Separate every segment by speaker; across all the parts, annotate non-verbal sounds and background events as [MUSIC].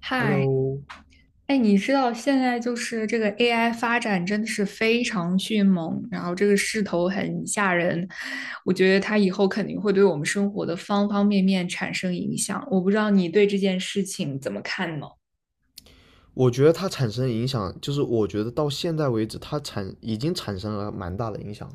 Speaker 1: 嗨，
Speaker 2: Hello，
Speaker 1: 哎，你知道现在就是这个 AI 发展真的是非常迅猛，然后这个势头很吓人，我觉得它以后肯定会对我们生活的方方面面产生影响。我不知道你对这件事情怎么看呢？
Speaker 2: 我觉得它产生影响，就是我觉得到现在为止，它已经产生了蛮大的影响了。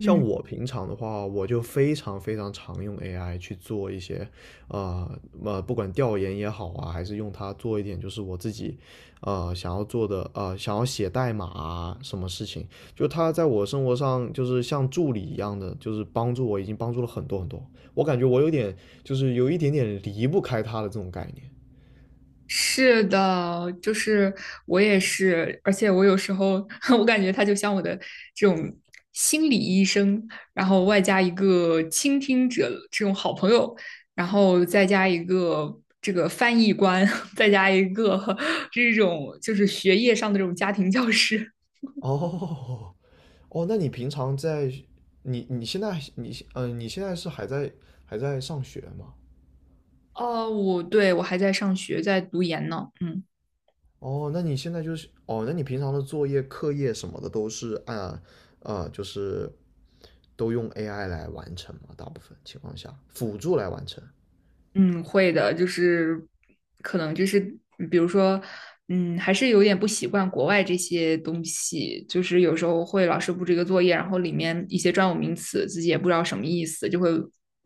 Speaker 2: 像我平常的话，我就非常非常常用 AI 去做一些，呃不管调研也好啊，还是用它做一点就是我自己，想要做的，想要写代码啊，什么事情，就它在我生活上就是像助理一样的，就是帮助我，已经帮助了很多很多。我感觉我有点就是有一点点离不开它的这种概念。
Speaker 1: 是的，就是我也是，而且我有时候 [LAUGHS] 我感觉他就像我的这种心理医生，然后外加一个倾听者这种好朋友，然后再加一个这个翻译官，[LAUGHS] 再加一个这种就是学业上的这种家庭教师。
Speaker 2: 哦，哦，那你平常在你你现在你嗯、呃、你现在是还在上学吗？
Speaker 1: 哦，我，对，我还在上学，在读研呢，嗯。
Speaker 2: 哦，那你现在就是哦，那你平常的作业、课业什么的都是按呃就是都用 AI 来完成吗？大部分情况下辅助来完成。
Speaker 1: 嗯，会的，就是可能就是比如说，嗯，还是有点不习惯国外这些东西，就是有时候会老师布置一个作业，然后里面一些专有名词自己也不知道什么意思，就会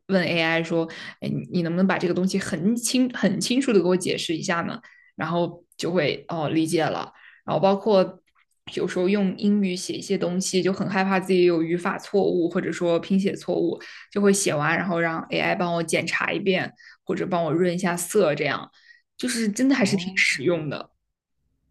Speaker 1: 问 AI 说，哎，你能不能把这个东西很清很清楚的给我解释一下呢？然后就会哦理解了，然后包括。有时候用英语写一些东西，就很害怕自己有语法错误或者说拼写错误，就会写完，然后让 AI 帮我检查一遍，或者帮我润一下色，这样就是真的还是挺
Speaker 2: 哦。
Speaker 1: 实用的。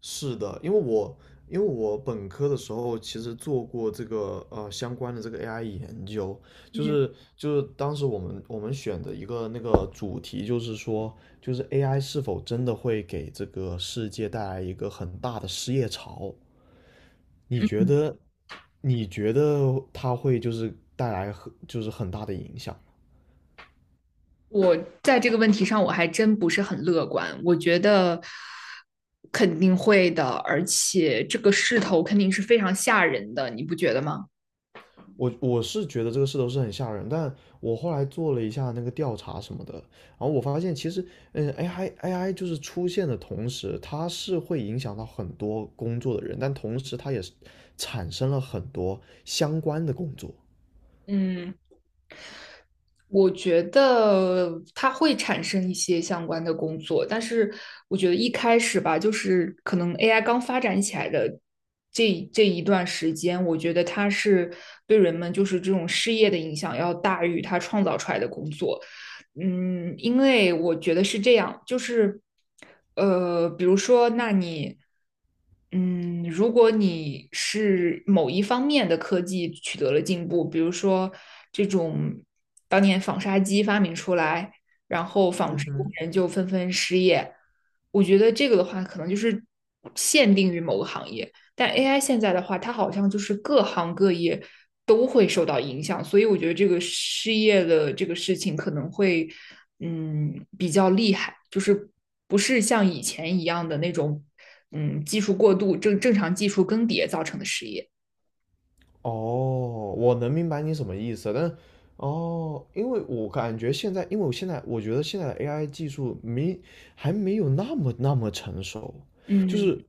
Speaker 2: 是的，因为我本科的时候其实做过这个相关的这个 AI 研究，就
Speaker 1: 嗯，
Speaker 2: 是就是当时我们选的一个那个主题就是说，就是 AI 是否真的会给这个世界带来一个很大的失业潮？你觉得你觉得它会就是带来很就是很大的影响？
Speaker 1: 我在这个问题上我还真不是很乐观，我觉得肯定会的，而且这个势头肯定是非常吓人的，你不觉得吗？
Speaker 2: 我是觉得这个势头是很吓人，但我后来做了一下那个调查什么的，然后我发现其实，嗯，AI 就是出现的同时，它是会影响到很多工作的人，但同时它也是产生了很多相关的工作。
Speaker 1: 嗯，我觉得它会产生一些相关的工作，但是我觉得一开始吧，就是可能 AI 刚发展起来的这一段时间，我觉得它是对人们就是这种失业的影响要大于它创造出来的工作。嗯，因为我觉得是这样，就是，比如说，那你，如果你是某一方面的科技取得了进步，比如说这种当年纺纱机发明出来，然后纺
Speaker 2: 嗯
Speaker 1: 织工
Speaker 2: 哼，
Speaker 1: 人就纷纷失业，我觉得这个的话，可能就是限定于某个行业。但 AI 现在的话，它好像就是各行各业都会受到影响，所以我觉得这个失业的这个事情可能会，比较厉害，就是不是像以前一样的那种，技术过度常技术更迭造成的失业。
Speaker 2: 哦，我能明白你什么意思，因为我感觉现在，我觉得现在的 AI 技术没还没有那么那么成熟，就
Speaker 1: 嗯
Speaker 2: 是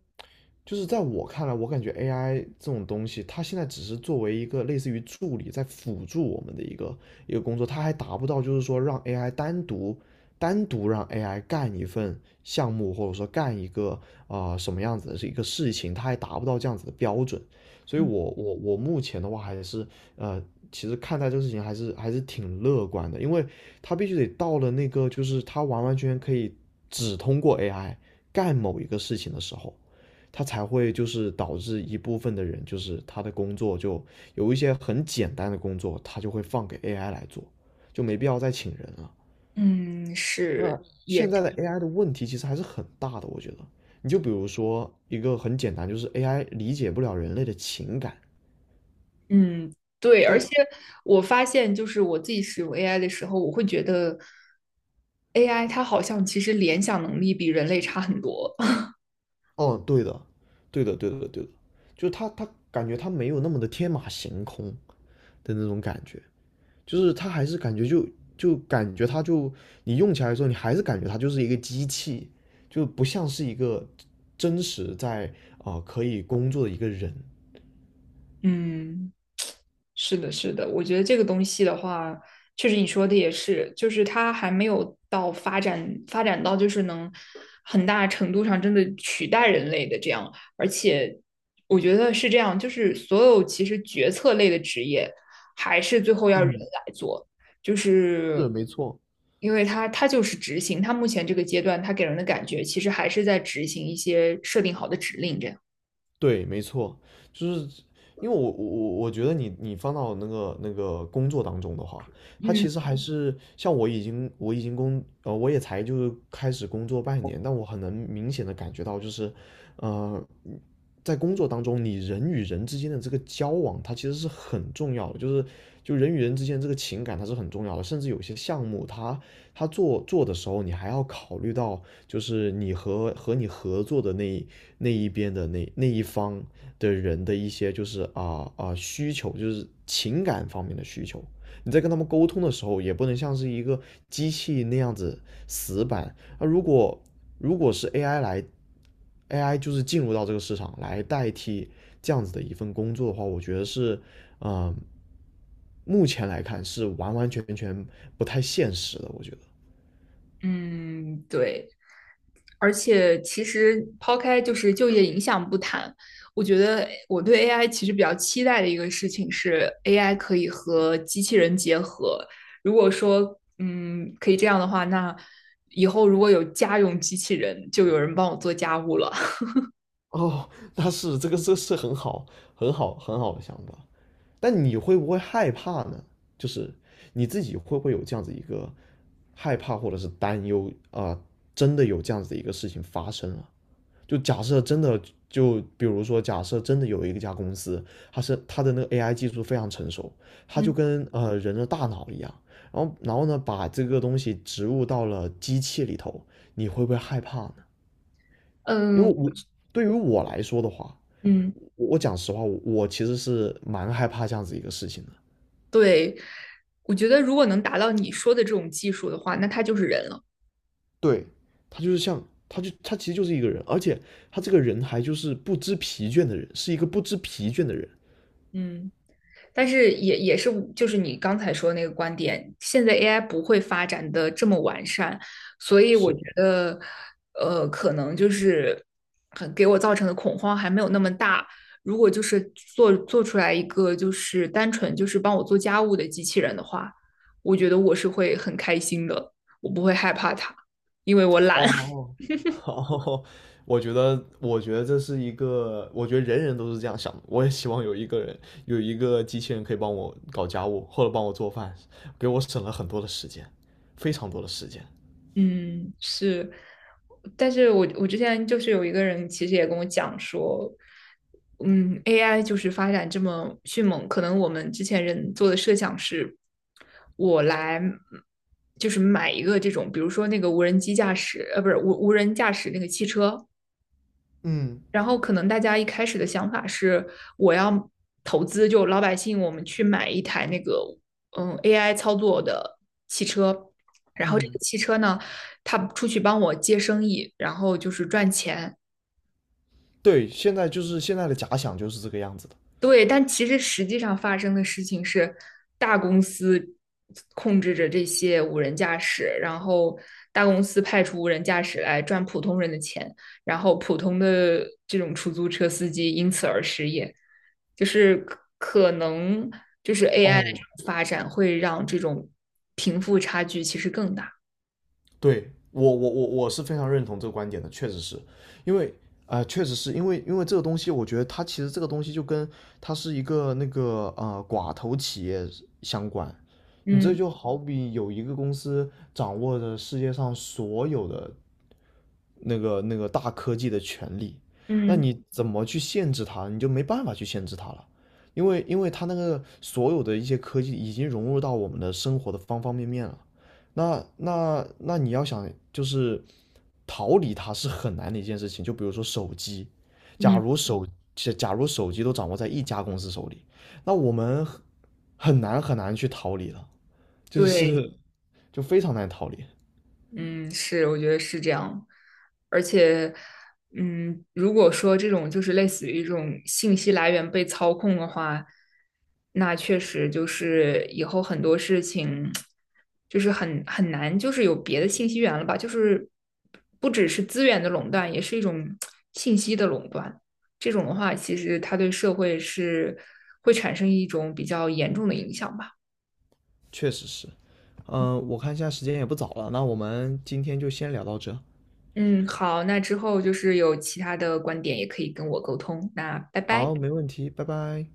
Speaker 2: 就是在我看来，我感觉 AI 这种东西，它现在只是作为一个类似于助理，在辅助我们的一个一个工作，它还达不到就是说让 AI 单独 干一份项目，或者说干一个什么样子的一个事情，它还达不到这样子的标准。所以
Speaker 1: 嗯
Speaker 2: 我目前的话还是呃，其实看待这个事情还是挺乐观的，因为它必须得到了那个就是它完完全全可以只通过 AI 干某一个事情的时候。它才会就是导致一部分的人，就是他的工作就有一些很简单的工作，他就会放给 AI 来做，就没必要再请人了。
Speaker 1: 嗯，是，
Speaker 2: 那现在的 AI 的问题其实还是很大的，我觉得。你就比如说一个很简单，就是 AI 理解不了人类的情感，
Speaker 1: 嗯，对，
Speaker 2: 但
Speaker 1: 而
Speaker 2: 是，
Speaker 1: 且我发现，就是我自己使用 AI 的时候，我会觉得 AI 它好像其实联想能力比人类差很多。[LAUGHS]
Speaker 2: 哦，对的，对的，对的，对的，就他感觉他没有那么的天马行空的那种感觉。就是它还是感觉就感觉你用起来的时候，你还是感觉它就是一个机器，就不像是一个真实在可以工作的一个人。
Speaker 1: 嗯。是的，是的，我觉得这个东西的话，确实你说的也是，就是它还没有到发展到就是能很大程度上真的取代人类的这样，而且我觉得是这样，就是所有其实决策类的职业还是最后要人
Speaker 2: 嗯，
Speaker 1: 来做，就
Speaker 2: 是
Speaker 1: 是
Speaker 2: 没错。
Speaker 1: 因为它就是执行，它目前这个阶段它给人的感觉其实还是在执行一些设定好的指令这样。
Speaker 2: 对，没错，就是因为我觉得你放到那个工作当中的话，它
Speaker 1: 嗯，
Speaker 2: 其实还是像我已经我已经工呃我也才开始工作半年，但我很能明显的感觉到就是，呃，在工作当中你人与人之间的这个交往，它其实是很重要的，就人与人之间这个情感它是很重要的，甚至有些项目他做做的时候，你还要考虑到，就是你和你合作的那一边的那一方的人的一些，就是需求，就是情感方面的需求。你在跟他们沟通的时候，也不能像是一个机器那样子死板。那如果是 AI 就是进入到这个市场来代替这样子的一份工作的话，我觉得是，嗯、呃目前来看是完完全全不太现实的，我觉得。
Speaker 1: 嗯，对。而且其实抛开就是就业影响不谈，我觉得我对 AI 其实比较期待的一个事情是 AI 可以和机器人结合。如果说可以这样的话，那以后如果有家用机器人，就有人帮我做家务了。
Speaker 2: 哦，那是这个，这是很好，很好，很好的想法。但你会不会害怕呢？就是你自己会不会有这样子一个害怕或者是担忧真的有这样子的一个事情发生了？就假设真的，就比如说，假设真的有一家公司，它的那个 AI 技术非常成熟，它就
Speaker 1: 嗯
Speaker 2: 跟人的大脑一样，然后呢，把这个东西植入到了机器里头，你会不会害怕呢？
Speaker 1: [LAUGHS]
Speaker 2: 因为
Speaker 1: 嗯
Speaker 2: 我对于我来说的话，
Speaker 1: 嗯，
Speaker 2: 我讲实话，我其实是蛮害怕这样子一个事情的。
Speaker 1: 对，我觉得如果能达到你说的这种技术的话，那它就是人了。
Speaker 2: 对，他就是像，他其实就是一个人，而且他这个人还就是不知疲倦的人，是一个不知疲倦的人。
Speaker 1: 嗯，但是也是，就是你刚才说的那个观点，现在 AI 不会发展的这么完善，所以我觉
Speaker 2: 是，
Speaker 1: 得，可能就是很给我造成的恐慌还没有那么大。如果就是做出来一个就是单纯就是帮我做家务的机器人的话，我觉得我是会很开心的，我不会害怕它，因为我懒。
Speaker 2: 哦，[LAUGHS] 哦哦，[LAUGHS] 我觉得，我觉得这是一个，我觉得人人都是这样想的。我也希望有一个机器人可以帮我搞家务，或者帮我做饭，给我省了很多的时间，非常多的时间。
Speaker 1: 嗯，是，但是我之前就是有一个人，其实也跟我讲说，嗯，AI 就是发展这么迅猛，可能我们之前人做的设想是，我来就是买一个这种，比如说那个无人机驾驶，不是无人驾驶那个汽车，
Speaker 2: 嗯
Speaker 1: 然后可能大家一开始的想法是，我要投资，就老百姓我们去买一台那个AI 操作的汽车，然后这个
Speaker 2: 嗯，
Speaker 1: 汽车呢，它出去帮我接生意，然后就是赚钱。
Speaker 2: 对，现在的假想就是这个样子的。
Speaker 1: 对，但其实实际上发生的事情是，大公司控制着这些无人驾驶，然后大公司派出无人驾驶来赚普通人的钱，然后普通的这种出租车司机因此而失业。就是能就是 AI 的这
Speaker 2: 哦，
Speaker 1: 种发展会让这种贫富差距其实更大。
Speaker 2: 对我是非常认同这个观点的，因为确实是因为这个东西，我觉得它其实这个东西就跟它是一个寡头企业相关。你这
Speaker 1: 嗯
Speaker 2: 就好比有一个公司掌握着世界上所有的那个大科技的权利，那
Speaker 1: 嗯
Speaker 2: 你怎么去限制它？你就没办法去限制它了。因为它那个所有的一些科技已经融入到我们的生活的方方面面了，那你要想，就是逃离它是很难的一件事情。就比如说手机，假
Speaker 1: 嗯，
Speaker 2: 如手假如手机都掌握在一家公司手里，那我们很难很难去逃离了，就
Speaker 1: 对。
Speaker 2: 是 [LAUGHS] 就非常难逃离，
Speaker 1: 嗯，是，我觉得是这样，而且，如果说这种就是类似于一种信息来源被操控的话，那确实就是以后很多事情就是很难，就是有别的信息源了吧，就是不只是资源的垄断，也是一种信息的垄断。这种的话，其实它对社会是会产生一种比较严重的影响吧。
Speaker 2: 确实是。嗯，我看现在时间也不早了，那我们今天就先聊到这。
Speaker 1: 嗯，好，那之后就是有其他的观点也可以跟我沟通，那拜拜。
Speaker 2: 好，没问题，拜拜。